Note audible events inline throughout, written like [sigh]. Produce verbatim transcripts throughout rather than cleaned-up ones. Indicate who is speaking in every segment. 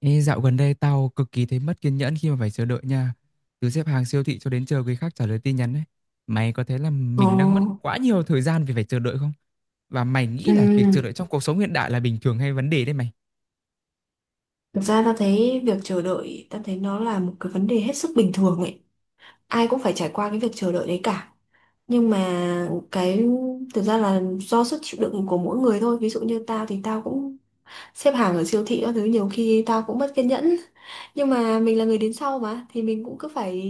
Speaker 1: Ê, dạo gần đây tao cực kỳ thấy mất kiên nhẫn khi mà phải chờ đợi nha. Từ xếp hàng siêu thị cho đến chờ người khác trả lời tin nhắn ấy. Mày có thấy là
Speaker 2: Ồ,
Speaker 1: mình đang mất quá nhiều thời gian vì phải chờ đợi không? Và mày nghĩ là việc chờ
Speaker 2: ừm,
Speaker 1: đợi trong cuộc sống hiện đại là bình thường hay vấn đề đấy mày?
Speaker 2: thực ra ta thấy việc chờ đợi, ta thấy nó là một cái vấn đề hết sức bình thường ấy. Ai cũng phải trải qua cái việc chờ đợi đấy cả. Nhưng mà cái thực ra là do sức chịu đựng của mỗi người thôi. Ví dụ như tao thì tao cũng xếp hàng ở siêu thị các thứ, nhiều khi tao cũng mất kiên nhẫn. Nhưng mà mình là người đến sau mà, thì mình cũng cứ phải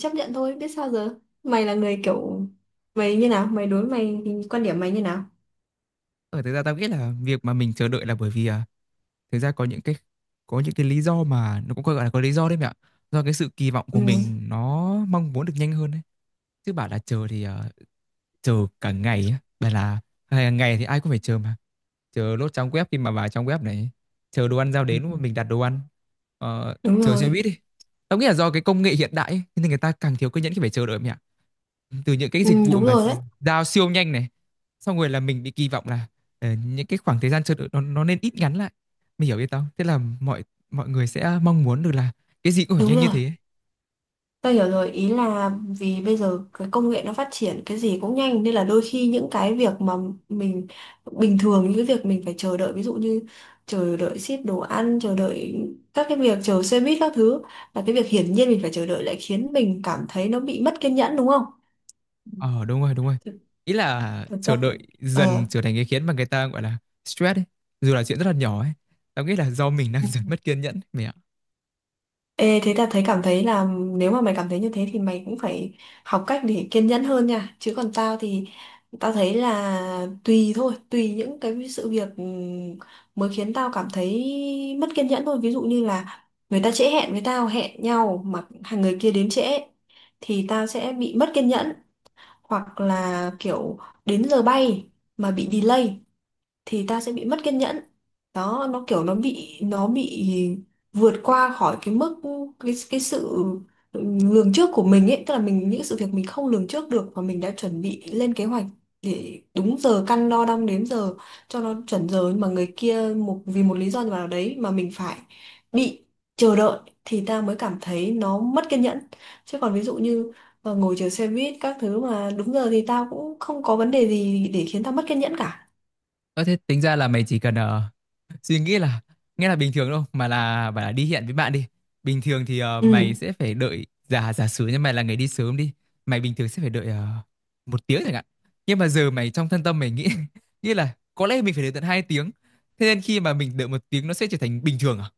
Speaker 2: chấp nhận thôi, biết sao giờ. Mày là người kiểu mày như nào? Mày đối mày thì quan điểm mày như nào?
Speaker 1: Ở thực ra tao nghĩ là việc mà mình chờ đợi là bởi vì à, thực ra có những cái có những cái lý do mà nó cũng gọi là có lý do đấy mẹ ạ. Do cái sự kỳ vọng của
Speaker 2: Ừ,
Speaker 1: mình nó mong muốn được nhanh hơn đấy. Chứ bảo là chờ thì à, chờ cả ngày á. Bảo là hàng ngày thì ai cũng phải chờ mà, chờ lốt trong web khi mà vào trong web này, chờ đồ ăn giao đến lúc mà mình đặt đồ ăn, ờ,
Speaker 2: đúng
Speaker 1: chờ xe
Speaker 2: rồi.
Speaker 1: buýt đi. Tao nghĩ là do cái công nghệ hiện đại ấy, nên người ta càng thiếu kiên nhẫn khi phải chờ đợi mẹ, từ những cái
Speaker 2: Ừ,
Speaker 1: dịch vụ
Speaker 2: đúng
Speaker 1: mà
Speaker 2: rồi đấy.
Speaker 1: giao siêu nhanh này, xong rồi là mình bị kỳ vọng là ờ, những cái khoảng thời gian chờ đợi nó, nó nên ít ngắn lại. Mình hiểu biết không, thế là mọi mọi người sẽ mong muốn được là cái gì cũng phải
Speaker 2: Đúng
Speaker 1: nhanh như
Speaker 2: rồi.
Speaker 1: thế ấy.
Speaker 2: Tôi hiểu rồi, ý là vì bây giờ cái công nghệ nó phát triển, cái gì cũng nhanh, nên là đôi khi những cái việc mà mình bình thường những cái việc mình phải chờ đợi, ví dụ như chờ đợi ship đồ ăn, chờ đợi các cái việc chờ xe buýt các thứ, là cái việc hiển nhiên mình phải chờ đợi lại khiến mình cảm thấy nó bị mất kiên nhẫn đúng không?
Speaker 1: Ờ, đúng rồi, đúng rồi,
Speaker 2: Thực
Speaker 1: ý là
Speaker 2: thực ra
Speaker 1: chờ đợi dần
Speaker 2: ờ
Speaker 1: trở thành cái khiến mà người ta gọi là stress ấy, dù là chuyện rất là nhỏ ấy. Tao nghĩ là do mình đang [laughs] dần mất kiên nhẫn mày ạ.
Speaker 2: Ê, thế là thấy cảm thấy là nếu mà mày cảm thấy như thế thì mày cũng phải học cách để kiên nhẫn hơn nha. Chứ còn tao thì tao thấy là tùy thôi, tùy những cái sự việc, ừm, mới khiến tao cảm thấy mất kiên nhẫn thôi. Ví dụ như là người ta trễ hẹn với tao, hẹn nhau mà hàng người kia đến trễ thì tao sẽ bị mất kiên nhẫn, hoặc là kiểu đến giờ bay mà bị delay thì ta sẽ bị mất kiên nhẫn. Đó, nó kiểu nó bị nó bị vượt qua khỏi cái mức, cái cái sự lường trước của mình ấy, tức là mình những sự việc mình không lường trước được và mình đã chuẩn bị lên kế hoạch để đúng giờ, căn đo đong đếm giờ cho nó chuẩn giờ, nhưng mà người kia một vì một lý do nào đấy mà mình phải bị chờ đợi, thì ta mới cảm thấy nó mất kiên nhẫn. Chứ còn ví dụ như ờ, ngồi chờ xe buýt các thứ mà đúng giờ thì tao cũng không có vấn đề gì để khiến tao mất kiên nhẫn cả.
Speaker 1: Có thế, tính ra là mày chỉ cần ờ, suy nghĩ là nghe là bình thường đâu mà, là bảo là đi hẹn với bạn đi, bình thường thì ờ,
Speaker 2: Ừ.
Speaker 1: mày sẽ phải đợi, giả giả sử như mày là người đi sớm đi, mày bình thường sẽ phải đợi ờ, một tiếng chẳng hạn. Nhưng mà giờ mày trong thân tâm mày nghĩ [laughs] nghĩ là có lẽ mình phải đợi tận hai tiếng, thế nên khi mà mình đợi một tiếng nó sẽ trở thành bình thường à.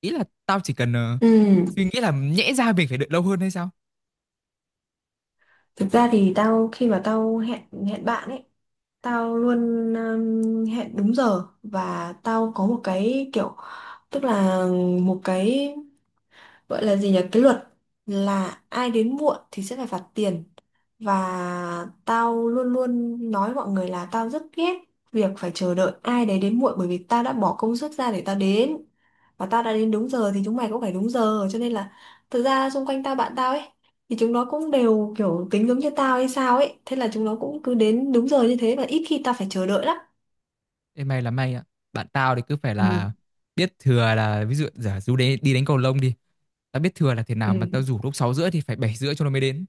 Speaker 1: Ý là tao chỉ cần ờ,
Speaker 2: Ừ,
Speaker 1: suy nghĩ là nhẽ ra mình phải đợi lâu hơn hay sao.
Speaker 2: thực ra thì tao khi mà tao hẹn hẹn bạn ấy, tao luôn um, hẹn đúng giờ, và tao có một cái kiểu, tức là một cái gọi là gì nhỉ, cái luật là ai đến muộn thì sẽ phải phạt tiền. Và tao luôn luôn nói mọi người là tao rất ghét việc phải chờ đợi ai đấy đến muộn, bởi vì tao đã bỏ công sức ra để tao đến và tao đã đến đúng giờ thì chúng mày cũng phải đúng giờ. Cho nên là thực ra xung quanh tao, bạn tao ấy, thì chúng nó cũng đều kiểu tính giống như tao hay sao ấy, thế là chúng nó cũng cứ đến đúng giờ như thế và ít khi tao phải chờ đợi lắm.
Speaker 1: Ê, may là may ạ, bạn tao thì cứ phải
Speaker 2: Ừ.
Speaker 1: là biết thừa là ví dụ giả dụ đấy, đi đánh cầu lông đi, tao biết thừa là thế nào mà tao
Speaker 2: Ừ.
Speaker 1: rủ lúc sáu rưỡi thì phải bảy rưỡi cho nó mới đến.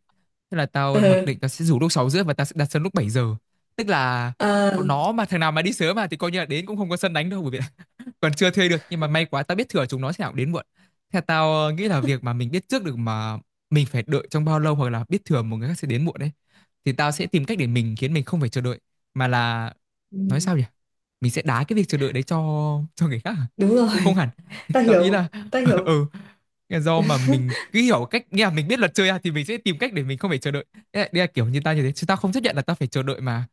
Speaker 1: Thế là
Speaker 2: [laughs]
Speaker 1: tao mặc
Speaker 2: Ừ.
Speaker 1: định tao sẽ rủ lúc sáu rưỡi và tao sẽ đặt sân lúc bảy giờ. Tức là
Speaker 2: À,
Speaker 1: bọn nó mà thằng nào mà đi sớm mà thì coi như là đến cũng không có sân đánh đâu, bởi vì còn chưa thuê được. Nhưng mà may quá tao biết thừa chúng nó sẽ nào đến muộn. Theo tao ờ, nghĩ là việc mà mình biết trước được mà mình phải đợi trong bao lâu, hoặc là biết thừa một người khác sẽ đến muộn đấy, thì tao sẽ tìm cách để mình khiến mình không phải chờ đợi, mà là
Speaker 2: ừ,
Speaker 1: nói sao nhỉ, mình sẽ đá cái việc chờ đợi đấy cho cho người khác à?
Speaker 2: đúng
Speaker 1: Cũng không
Speaker 2: rồi.
Speaker 1: hẳn
Speaker 2: [laughs] Tao
Speaker 1: [laughs] tao ý
Speaker 2: hiểu,
Speaker 1: là
Speaker 2: tao
Speaker 1: [laughs]
Speaker 2: hiểu.
Speaker 1: ừ, do mà mình cứ hiểu cách nghĩa là mình biết luật chơi à, thì mình sẽ tìm cách để mình không phải chờ đợi. Đây là, đây là kiểu như tao như thế, chứ tao không chấp nhận là tao phải chờ đợi mà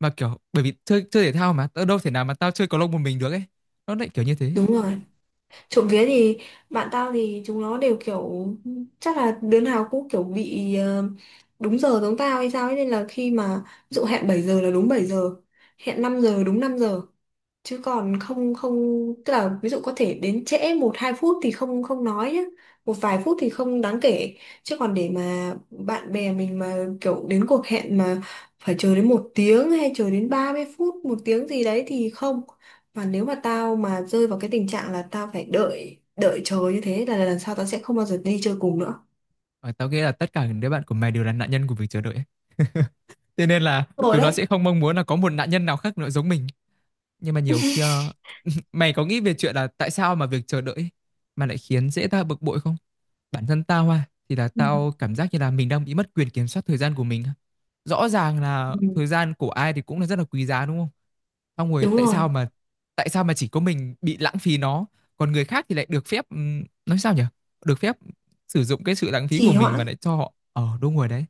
Speaker 1: mà kiểu bởi vì chơi chơi thể thao mà tao đâu thể nào mà tao chơi cầu lông một mình được ấy, nó lại kiểu như thế.
Speaker 2: Đúng rồi. Trộm vía thì bạn tao thì chúng nó đều kiểu, chắc là đứa nào cũng kiểu bị ờ, đúng giờ giống tao hay sao ấy, nên là khi mà ví dụ hẹn bảy giờ là đúng bảy giờ, hẹn năm giờ đúng năm giờ, chứ còn không, không, tức là ví dụ có thể đến trễ một hai phút thì không, không nói nhá, một vài phút thì không đáng kể. Chứ còn để mà bạn bè mình mà kiểu đến cuộc hẹn mà phải chờ đến một tiếng, hay chờ đến ba mươi phút, một tiếng gì đấy thì không. Và nếu mà tao mà rơi vào cái tình trạng là tao phải đợi đợi chờ như thế là lần sau tao sẽ không bao giờ đi chơi cùng nữa.
Speaker 1: Ờ, tao nghĩ là tất cả những đứa bạn của mày đều là nạn nhân của việc chờ đợi ấy. [laughs] Thế nên là
Speaker 2: Đúng rồi
Speaker 1: tụi nó
Speaker 2: đấy.
Speaker 1: sẽ không mong muốn là có một nạn nhân nào khác nữa giống mình. Nhưng mà nhiều khi ờ, [laughs] mày có nghĩ về chuyện là tại sao mà việc chờ đợi ấy mà lại khiến dễ ta bực bội không? Bản thân tao à, thì là
Speaker 2: Ừ.
Speaker 1: tao cảm giác như là mình đang bị mất quyền kiểm soát thời gian của mình. Rõ ràng là
Speaker 2: Ừ,
Speaker 1: thời gian của ai thì cũng là rất là quý giá đúng không? Xong rồi
Speaker 2: đúng
Speaker 1: tại
Speaker 2: rồi.
Speaker 1: sao mà, tại sao mà chỉ có mình bị lãng phí nó, còn người khác thì lại được phép ừm, nói sao nhỉ? Được phép sử dụng cái sự lãng phí của
Speaker 2: Trì
Speaker 1: mình mà
Speaker 2: hoãn.
Speaker 1: lại cho họ ở đúng rồi đấy.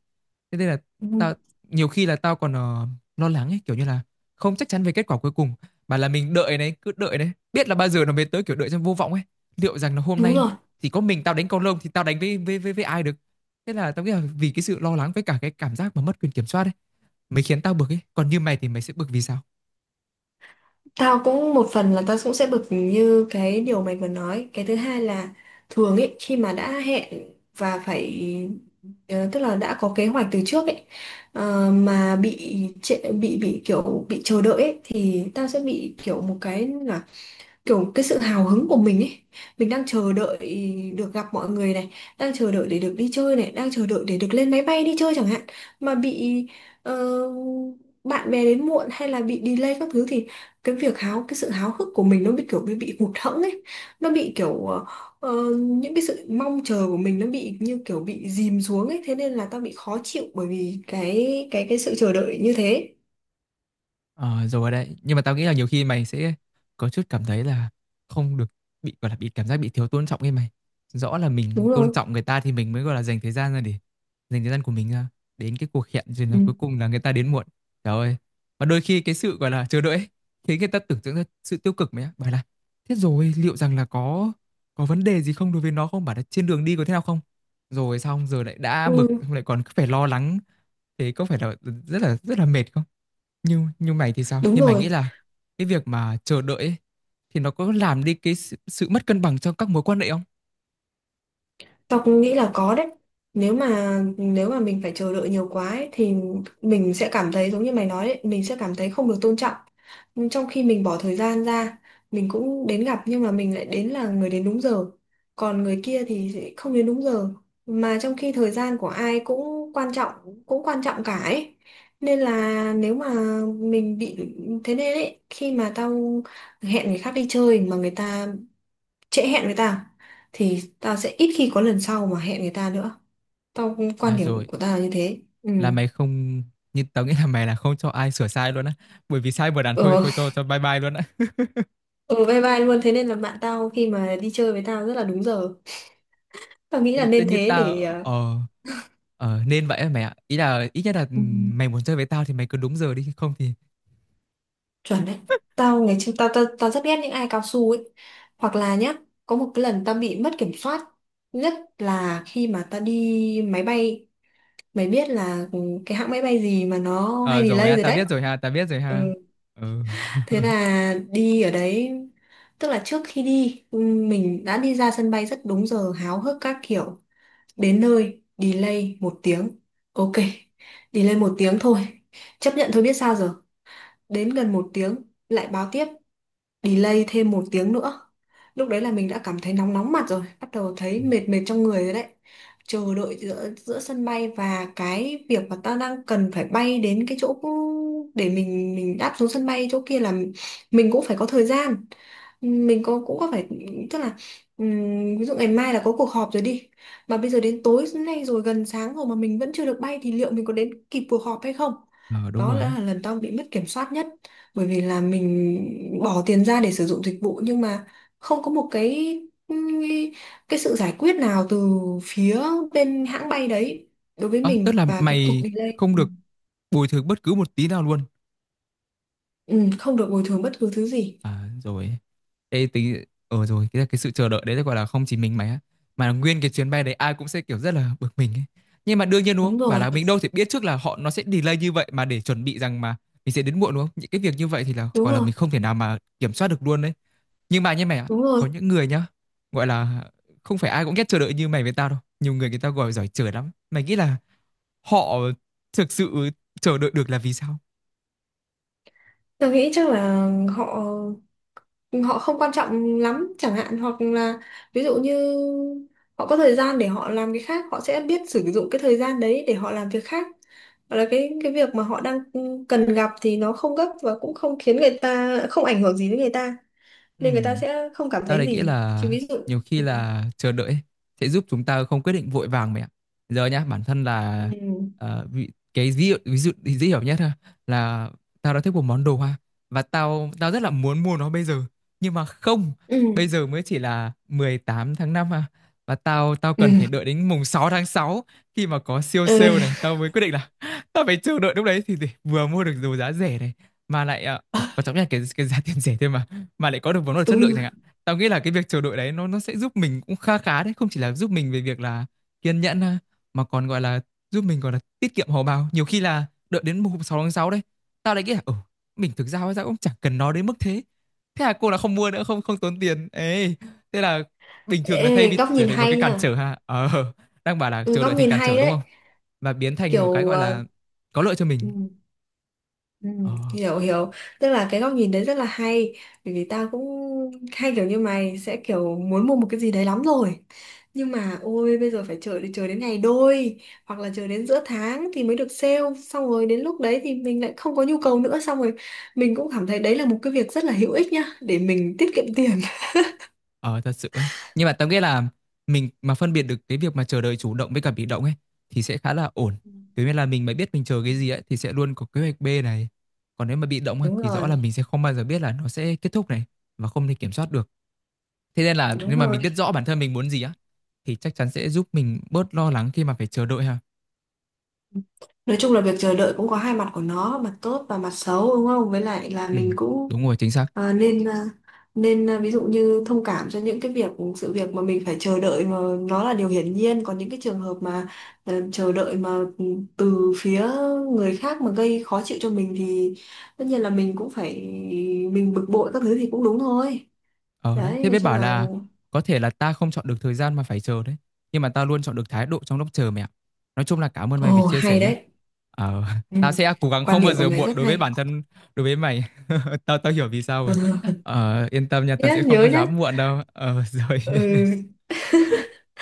Speaker 1: Thế nên là
Speaker 2: Ừ,
Speaker 1: tao nhiều khi là tao còn ờ, lo lắng ấy, kiểu như là không chắc chắn về kết quả cuối cùng, mà là mình đợi đấy, cứ đợi đấy, biết là bao giờ nó mới tới, kiểu đợi trong vô vọng ấy. Liệu rằng là hôm
Speaker 2: đúng
Speaker 1: nay
Speaker 2: rồi.
Speaker 1: thì có mình tao đánh con lông thì tao đánh với với với, với ai được? Thế là tao nghĩ là vì cái sự lo lắng với cả cái cảm giác mà mất quyền kiểm soát ấy, mới khiến tao bực ấy. Còn như mày thì mày sẽ bực vì sao?
Speaker 2: Tao cũng một phần là tao cũng sẽ bực như cái điều mày vừa nói. Cái thứ hai là, thường ấy, khi mà đã hẹn và phải, ờ, tức là đã có kế hoạch từ trước ấy, ờ, mà bị trệ- bị bị kiểu bị chờ đợi ấy, thì tao sẽ bị kiểu một cái, kiểu cái sự hào hứng của mình ấy, mình đang chờ đợi được gặp mọi người này, đang chờ đợi để được đi chơi này, đang chờ đợi để được lên máy bay đi chơi chẳng hạn, mà bị ờ, bạn bè đến muộn hay là bị delay các thứ thì cái việc háo cái sự háo hức của mình nó bị kiểu bị bị hụt hẫng ấy, nó bị kiểu ờ, ờ, những cái sự mong chờ của mình nó bị như kiểu bị dìm xuống ấy, thế nên là tao bị khó chịu bởi vì cái cái cái sự chờ đợi như thế.
Speaker 1: Ờ, rồi đấy, nhưng mà tao nghĩ là nhiều khi mày sẽ có chút cảm thấy là không được, bị gọi là bị cảm giác bị thiếu tôn trọng ấy mày, rõ là mình
Speaker 2: Đúng
Speaker 1: tôn
Speaker 2: rồi.
Speaker 1: trọng người ta thì mình mới gọi là dành thời gian ra để dành thời gian của mình ra đến cái cuộc hẹn, rồi là
Speaker 2: Ừ.
Speaker 1: cuối cùng là người ta đến muộn. Trời ơi! Và đôi khi cái sự gọi là chờ đợi ấy, khiến người ta tưởng tượng ra sự tiêu cực mày á, bảo là thế rồi liệu rằng là có có vấn đề gì không đối với nó không, bảo là trên đường đi có thế nào không, rồi xong giờ lại đã
Speaker 2: Ừ,
Speaker 1: bực xong lại còn cứ phải lo lắng. Thế có phải là rất là rất là mệt không? Nhưng nhưng mày thì sao,
Speaker 2: đúng
Speaker 1: nhưng mày nghĩ
Speaker 2: rồi.
Speaker 1: là cái việc mà chờ đợi ấy, thì nó có làm đi cái sự, sự mất cân bằng trong các mối quan hệ không?
Speaker 2: Tao cũng nghĩ là có đấy. Nếu mà nếu mà mình phải chờ đợi nhiều quá ấy, thì mình sẽ cảm thấy giống như mày nói đấy, mình sẽ cảm thấy không được tôn trọng. Nhưng trong khi mình bỏ thời gian ra, mình cũng đến gặp, nhưng mà mình lại đến là người đến đúng giờ. Còn người kia thì sẽ không đến đúng giờ. Mà trong khi thời gian của ai cũng quan trọng, cũng quan trọng cả ấy. Nên là nếu mà mình bị thế nên ấy, khi mà tao hẹn người khác đi chơi mà người ta trễ hẹn với tao thì tao sẽ ít khi có lần sau mà hẹn người ta nữa. Tao cũng
Speaker 1: À
Speaker 2: quan điểm
Speaker 1: rồi,
Speaker 2: của tao là như thế. Ừ.
Speaker 1: là mày không, như tao nghĩ là mày là không cho ai sửa sai luôn á, bởi vì sai một đàn thôi
Speaker 2: Ờ.
Speaker 1: thôi cho cho bye bye luôn á. [laughs]
Speaker 2: Ừ, bye bye luôn, thế nên là bạn tao khi mà đi chơi với tao rất là đúng giờ. Tao nghĩ là
Speaker 1: Ý, tự
Speaker 2: nên
Speaker 1: như
Speaker 2: thế để
Speaker 1: tao,
Speaker 2: ờ,
Speaker 1: ờ ờ nên vậy á mày ạ, ý là ít nhất là ừ,
Speaker 2: ừ,
Speaker 1: mày muốn chơi với tao thì mày cứ đúng giờ đi không thì...
Speaker 2: chuẩn đấy. Tao ngày trước tao, tao tao rất ghét những ai cao su ấy, hoặc là nhá, có một cái lần tao bị mất kiểm soát nhất là khi mà tao đi máy bay. Mày biết là ừ, cái hãng máy bay gì mà nó
Speaker 1: Ờ
Speaker 2: hay
Speaker 1: rồi
Speaker 2: delay
Speaker 1: ha,
Speaker 2: rồi
Speaker 1: tao biết
Speaker 2: đấy.
Speaker 1: rồi ha, tao biết rồi
Speaker 2: Ừ,
Speaker 1: ha. Ừ. [laughs]
Speaker 2: thế là đi ở đấy, tức là trước khi đi, mình đã đi ra sân bay rất đúng giờ, háo hức các kiểu. Đến nơi, delay một tiếng. Ok, delay một tiếng thôi. Chấp nhận thôi, biết sao giờ. Đến gần một tiếng, lại báo tiếp delay thêm một tiếng nữa. Lúc đấy là mình đã cảm thấy nóng nóng mặt rồi, bắt đầu thấy mệt mệt trong người rồi đấy. Chờ đợi giữa giữa sân bay, và cái việc mà ta đang cần phải bay đến cái chỗ để mình mình đáp xuống sân bay chỗ kia là mình cũng phải có thời gian, mình có cũng có phải, tức là ừm, ví dụ ngày mai là có cuộc họp rồi đi, mà bây giờ đến tối nay rồi, gần sáng rồi mà mình vẫn chưa được bay thì liệu mình có đến kịp cuộc họp hay không.
Speaker 1: Ờ đúng
Speaker 2: Đó
Speaker 1: rồi
Speaker 2: đã
Speaker 1: á.
Speaker 2: là lần tao bị mất kiểm soát nhất, bởi vì là mình bỏ tiền ra để sử dụng dịch vụ nhưng mà không có một cái cái sự giải quyết nào từ phía bên hãng bay đấy đối với
Speaker 1: Ờ, tức
Speaker 2: mình
Speaker 1: là
Speaker 2: và cái cuộc
Speaker 1: mày
Speaker 2: delay.
Speaker 1: không được bồi thường bất cứ một tí nào luôn.
Speaker 2: Ừ, không được bồi thường bất cứ thứ gì.
Speaker 1: À rồi. Ê, tính ờ rồi cái cái sự chờ đợi đấy là gọi là không chỉ mình mày á, mà là nguyên cái chuyến bay đấy ai cũng sẽ kiểu rất là bực mình ấy. Nhưng mà đương nhiên đúng không,
Speaker 2: Đúng
Speaker 1: bảo
Speaker 2: rồi.
Speaker 1: là mình đâu thể biết trước là họ nó sẽ delay như vậy mà để chuẩn bị rằng mà mình sẽ đến muộn đúng không. Những cái việc như vậy thì là
Speaker 2: Đúng
Speaker 1: gọi là
Speaker 2: rồi.
Speaker 1: mình không thể nào mà kiểm soát được luôn đấy. Nhưng mà như mày ạ,
Speaker 2: Đúng rồi.
Speaker 1: có những người nhá, gọi là không phải ai cũng ghét chờ đợi như mày với tao đâu, nhiều người người ta gọi giỏi chờ lắm. Mày nghĩ là họ thực sự chờ đợi được là vì sao?
Speaker 2: Tôi nghĩ chắc là họ họ không quan trọng lắm chẳng hạn, hoặc là ví dụ như họ có thời gian để họ làm cái khác, họ sẽ biết sử dụng cái thời gian đấy để họ làm việc khác, hoặc là cái cái việc mà họ đang cần gặp thì nó không gấp và cũng không khiến người ta, không ảnh hưởng gì đến người ta
Speaker 1: Ừ.
Speaker 2: nên người ta sẽ không cảm
Speaker 1: Tao
Speaker 2: thấy
Speaker 1: đấy nghĩ
Speaker 2: gì.
Speaker 1: là
Speaker 2: Chứ ví dụ,
Speaker 1: nhiều khi
Speaker 2: ừ.
Speaker 1: là chờ đợi ấy, sẽ giúp chúng ta không quyết định vội vàng mẹ ạ. Giờ nhá, bản thân là
Speaker 2: Ừ.
Speaker 1: ờ, vị, cái ví dụ, ví dụ dễ hiểu nhất ha, là tao đã thích một món đồ hoa, và tao tao rất là muốn mua nó bây giờ. Nhưng mà không,
Speaker 2: Ừ.
Speaker 1: bây giờ mới chỉ là mười tám tháng năm à, và tao tao
Speaker 2: Ừ.
Speaker 1: cần phải đợi đến mùng sáu tháng sáu, khi mà có siêu
Speaker 2: Ừ.
Speaker 1: sale này, tao mới quyết định là [laughs] tao phải chờ đợi lúc đấy thì, thì vừa mua được đồ giá rẻ này, mà lại ờ, ừ, quan trọng nhất là cái cái giá tiền rẻ thôi mà mà lại có được món đồ chất lượng
Speaker 2: Ừ.
Speaker 1: chẳng hạn. Tao nghĩ là cái việc chờ đợi đấy nó nó sẽ giúp mình cũng kha khá đấy, không chỉ là giúp mình về việc là kiên nhẫn ha, mà còn gọi là giúp mình gọi là tiết kiệm hầu bao. Nhiều khi là đợi đến mùng sáu tháng sáu đấy tao lại nghĩ là ừ, mình thực ra hóa ra cũng chẳng cần nó đến mức thế, thế là cô là không mua nữa, không không tốn tiền ấy. Thế là bình thường là thay
Speaker 2: Ê,
Speaker 1: vì
Speaker 2: góc
Speaker 1: trở
Speaker 2: nhìn
Speaker 1: thành một
Speaker 2: hay
Speaker 1: cái cản
Speaker 2: nha.
Speaker 1: trở ha, ờ đang bảo là
Speaker 2: Ừ,
Speaker 1: chờ
Speaker 2: góc
Speaker 1: đợi thành
Speaker 2: nhìn
Speaker 1: cản
Speaker 2: hay
Speaker 1: trở đúng
Speaker 2: đấy.
Speaker 1: không, và biến thành một cái
Speaker 2: Kiểu
Speaker 1: gọi
Speaker 2: ờ,
Speaker 1: là có lợi cho mình.
Speaker 2: ừ. Ừ,
Speaker 1: Ờ.
Speaker 2: hiểu, hiểu, tức là cái góc nhìn đấy rất là hay, bởi vì tao cũng hay kiểu như mày sẽ kiểu muốn mua một cái gì đấy lắm rồi, nhưng mà ôi bây giờ phải chờ chờ đến ngày đôi, hoặc là chờ đến giữa tháng thì mới được sale, xong rồi đến lúc đấy thì mình lại không có nhu cầu nữa, xong rồi mình cũng cảm thấy đấy là một cái việc rất là hữu ích nhá để mình tiết kiệm tiền.
Speaker 1: Ờ thật sự ấy. Nhưng mà tao nghĩ là mình mà phân biệt được cái việc mà chờ đợi chủ động với cả bị động ấy thì sẽ khá là ổn.
Speaker 2: Ừ.
Speaker 1: Thế nên là mình mà biết mình chờ
Speaker 2: Ừ.
Speaker 1: cái gì ấy thì sẽ luôn có kế hoạch B này. Còn nếu mà bị động ấy,
Speaker 2: Đúng
Speaker 1: thì rõ là
Speaker 2: rồi,
Speaker 1: mình sẽ không bao giờ biết là nó sẽ kết thúc này, và không thể kiểm soát được. Thế nên là
Speaker 2: đúng
Speaker 1: nhưng mà
Speaker 2: rồi.
Speaker 1: mình biết rõ bản thân mình muốn gì á, thì chắc chắn sẽ giúp mình bớt lo lắng khi mà phải chờ đợi ha.
Speaker 2: Nói chung là việc chờ đợi cũng có hai mặt của nó, mặt tốt và mặt xấu, đúng không? Với lại là
Speaker 1: Ừ,
Speaker 2: mình cũng,
Speaker 1: đúng rồi, chính xác.
Speaker 2: à, nên à, nên à, ví dụ như thông cảm cho những cái việc sự việc mà mình phải chờ đợi mà nó là điều hiển nhiên, còn những cái trường hợp mà ờ, chờ đợi mà ừ, từ phía người khác mà gây khó chịu cho mình thì tất nhiên là mình cũng phải, mình bực bội các thứ thì cũng đúng thôi.
Speaker 1: Ờ đấy,
Speaker 2: Đấy,
Speaker 1: thế
Speaker 2: nói
Speaker 1: biết
Speaker 2: chung
Speaker 1: bảo
Speaker 2: là,
Speaker 1: là có thể là ta không chọn được thời gian mà phải chờ đấy. Nhưng mà ta luôn chọn được thái độ trong lúc chờ mẹ ạ. Nói chung là cảm ơn mày vì
Speaker 2: ồ,
Speaker 1: chia sẻ
Speaker 2: hay
Speaker 1: nhé.
Speaker 2: đấy.
Speaker 1: Ờ, [laughs]
Speaker 2: Ừ.
Speaker 1: tao sẽ cố gắng
Speaker 2: Quan
Speaker 1: không
Speaker 2: điểm
Speaker 1: bao
Speaker 2: của
Speaker 1: giờ
Speaker 2: mày
Speaker 1: muộn
Speaker 2: rất
Speaker 1: đối với
Speaker 2: hay.
Speaker 1: bản thân, đối với mày. [laughs] Tao tao hiểu vì sao rồi.
Speaker 2: [laughs]
Speaker 1: Ờ, yên tâm nha, tao
Speaker 2: Nhớ
Speaker 1: sẽ không
Speaker 2: nhớ
Speaker 1: có
Speaker 2: nhá.
Speaker 1: dám muộn đâu. Ờ, [laughs] rồi.
Speaker 2: Ừ,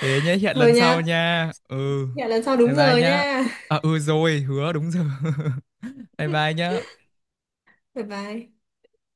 Speaker 1: Thế nhé, hẹn
Speaker 2: thôi
Speaker 1: lần sau
Speaker 2: nha.
Speaker 1: nha. Ừ,
Speaker 2: Hẹn lần sau
Speaker 1: bye
Speaker 2: đúng
Speaker 1: bye
Speaker 2: giờ
Speaker 1: nhá.
Speaker 2: nha.
Speaker 1: À, ừ rồi, hứa đúng giờ. [laughs] Bye bye nhá.
Speaker 2: Bye bye.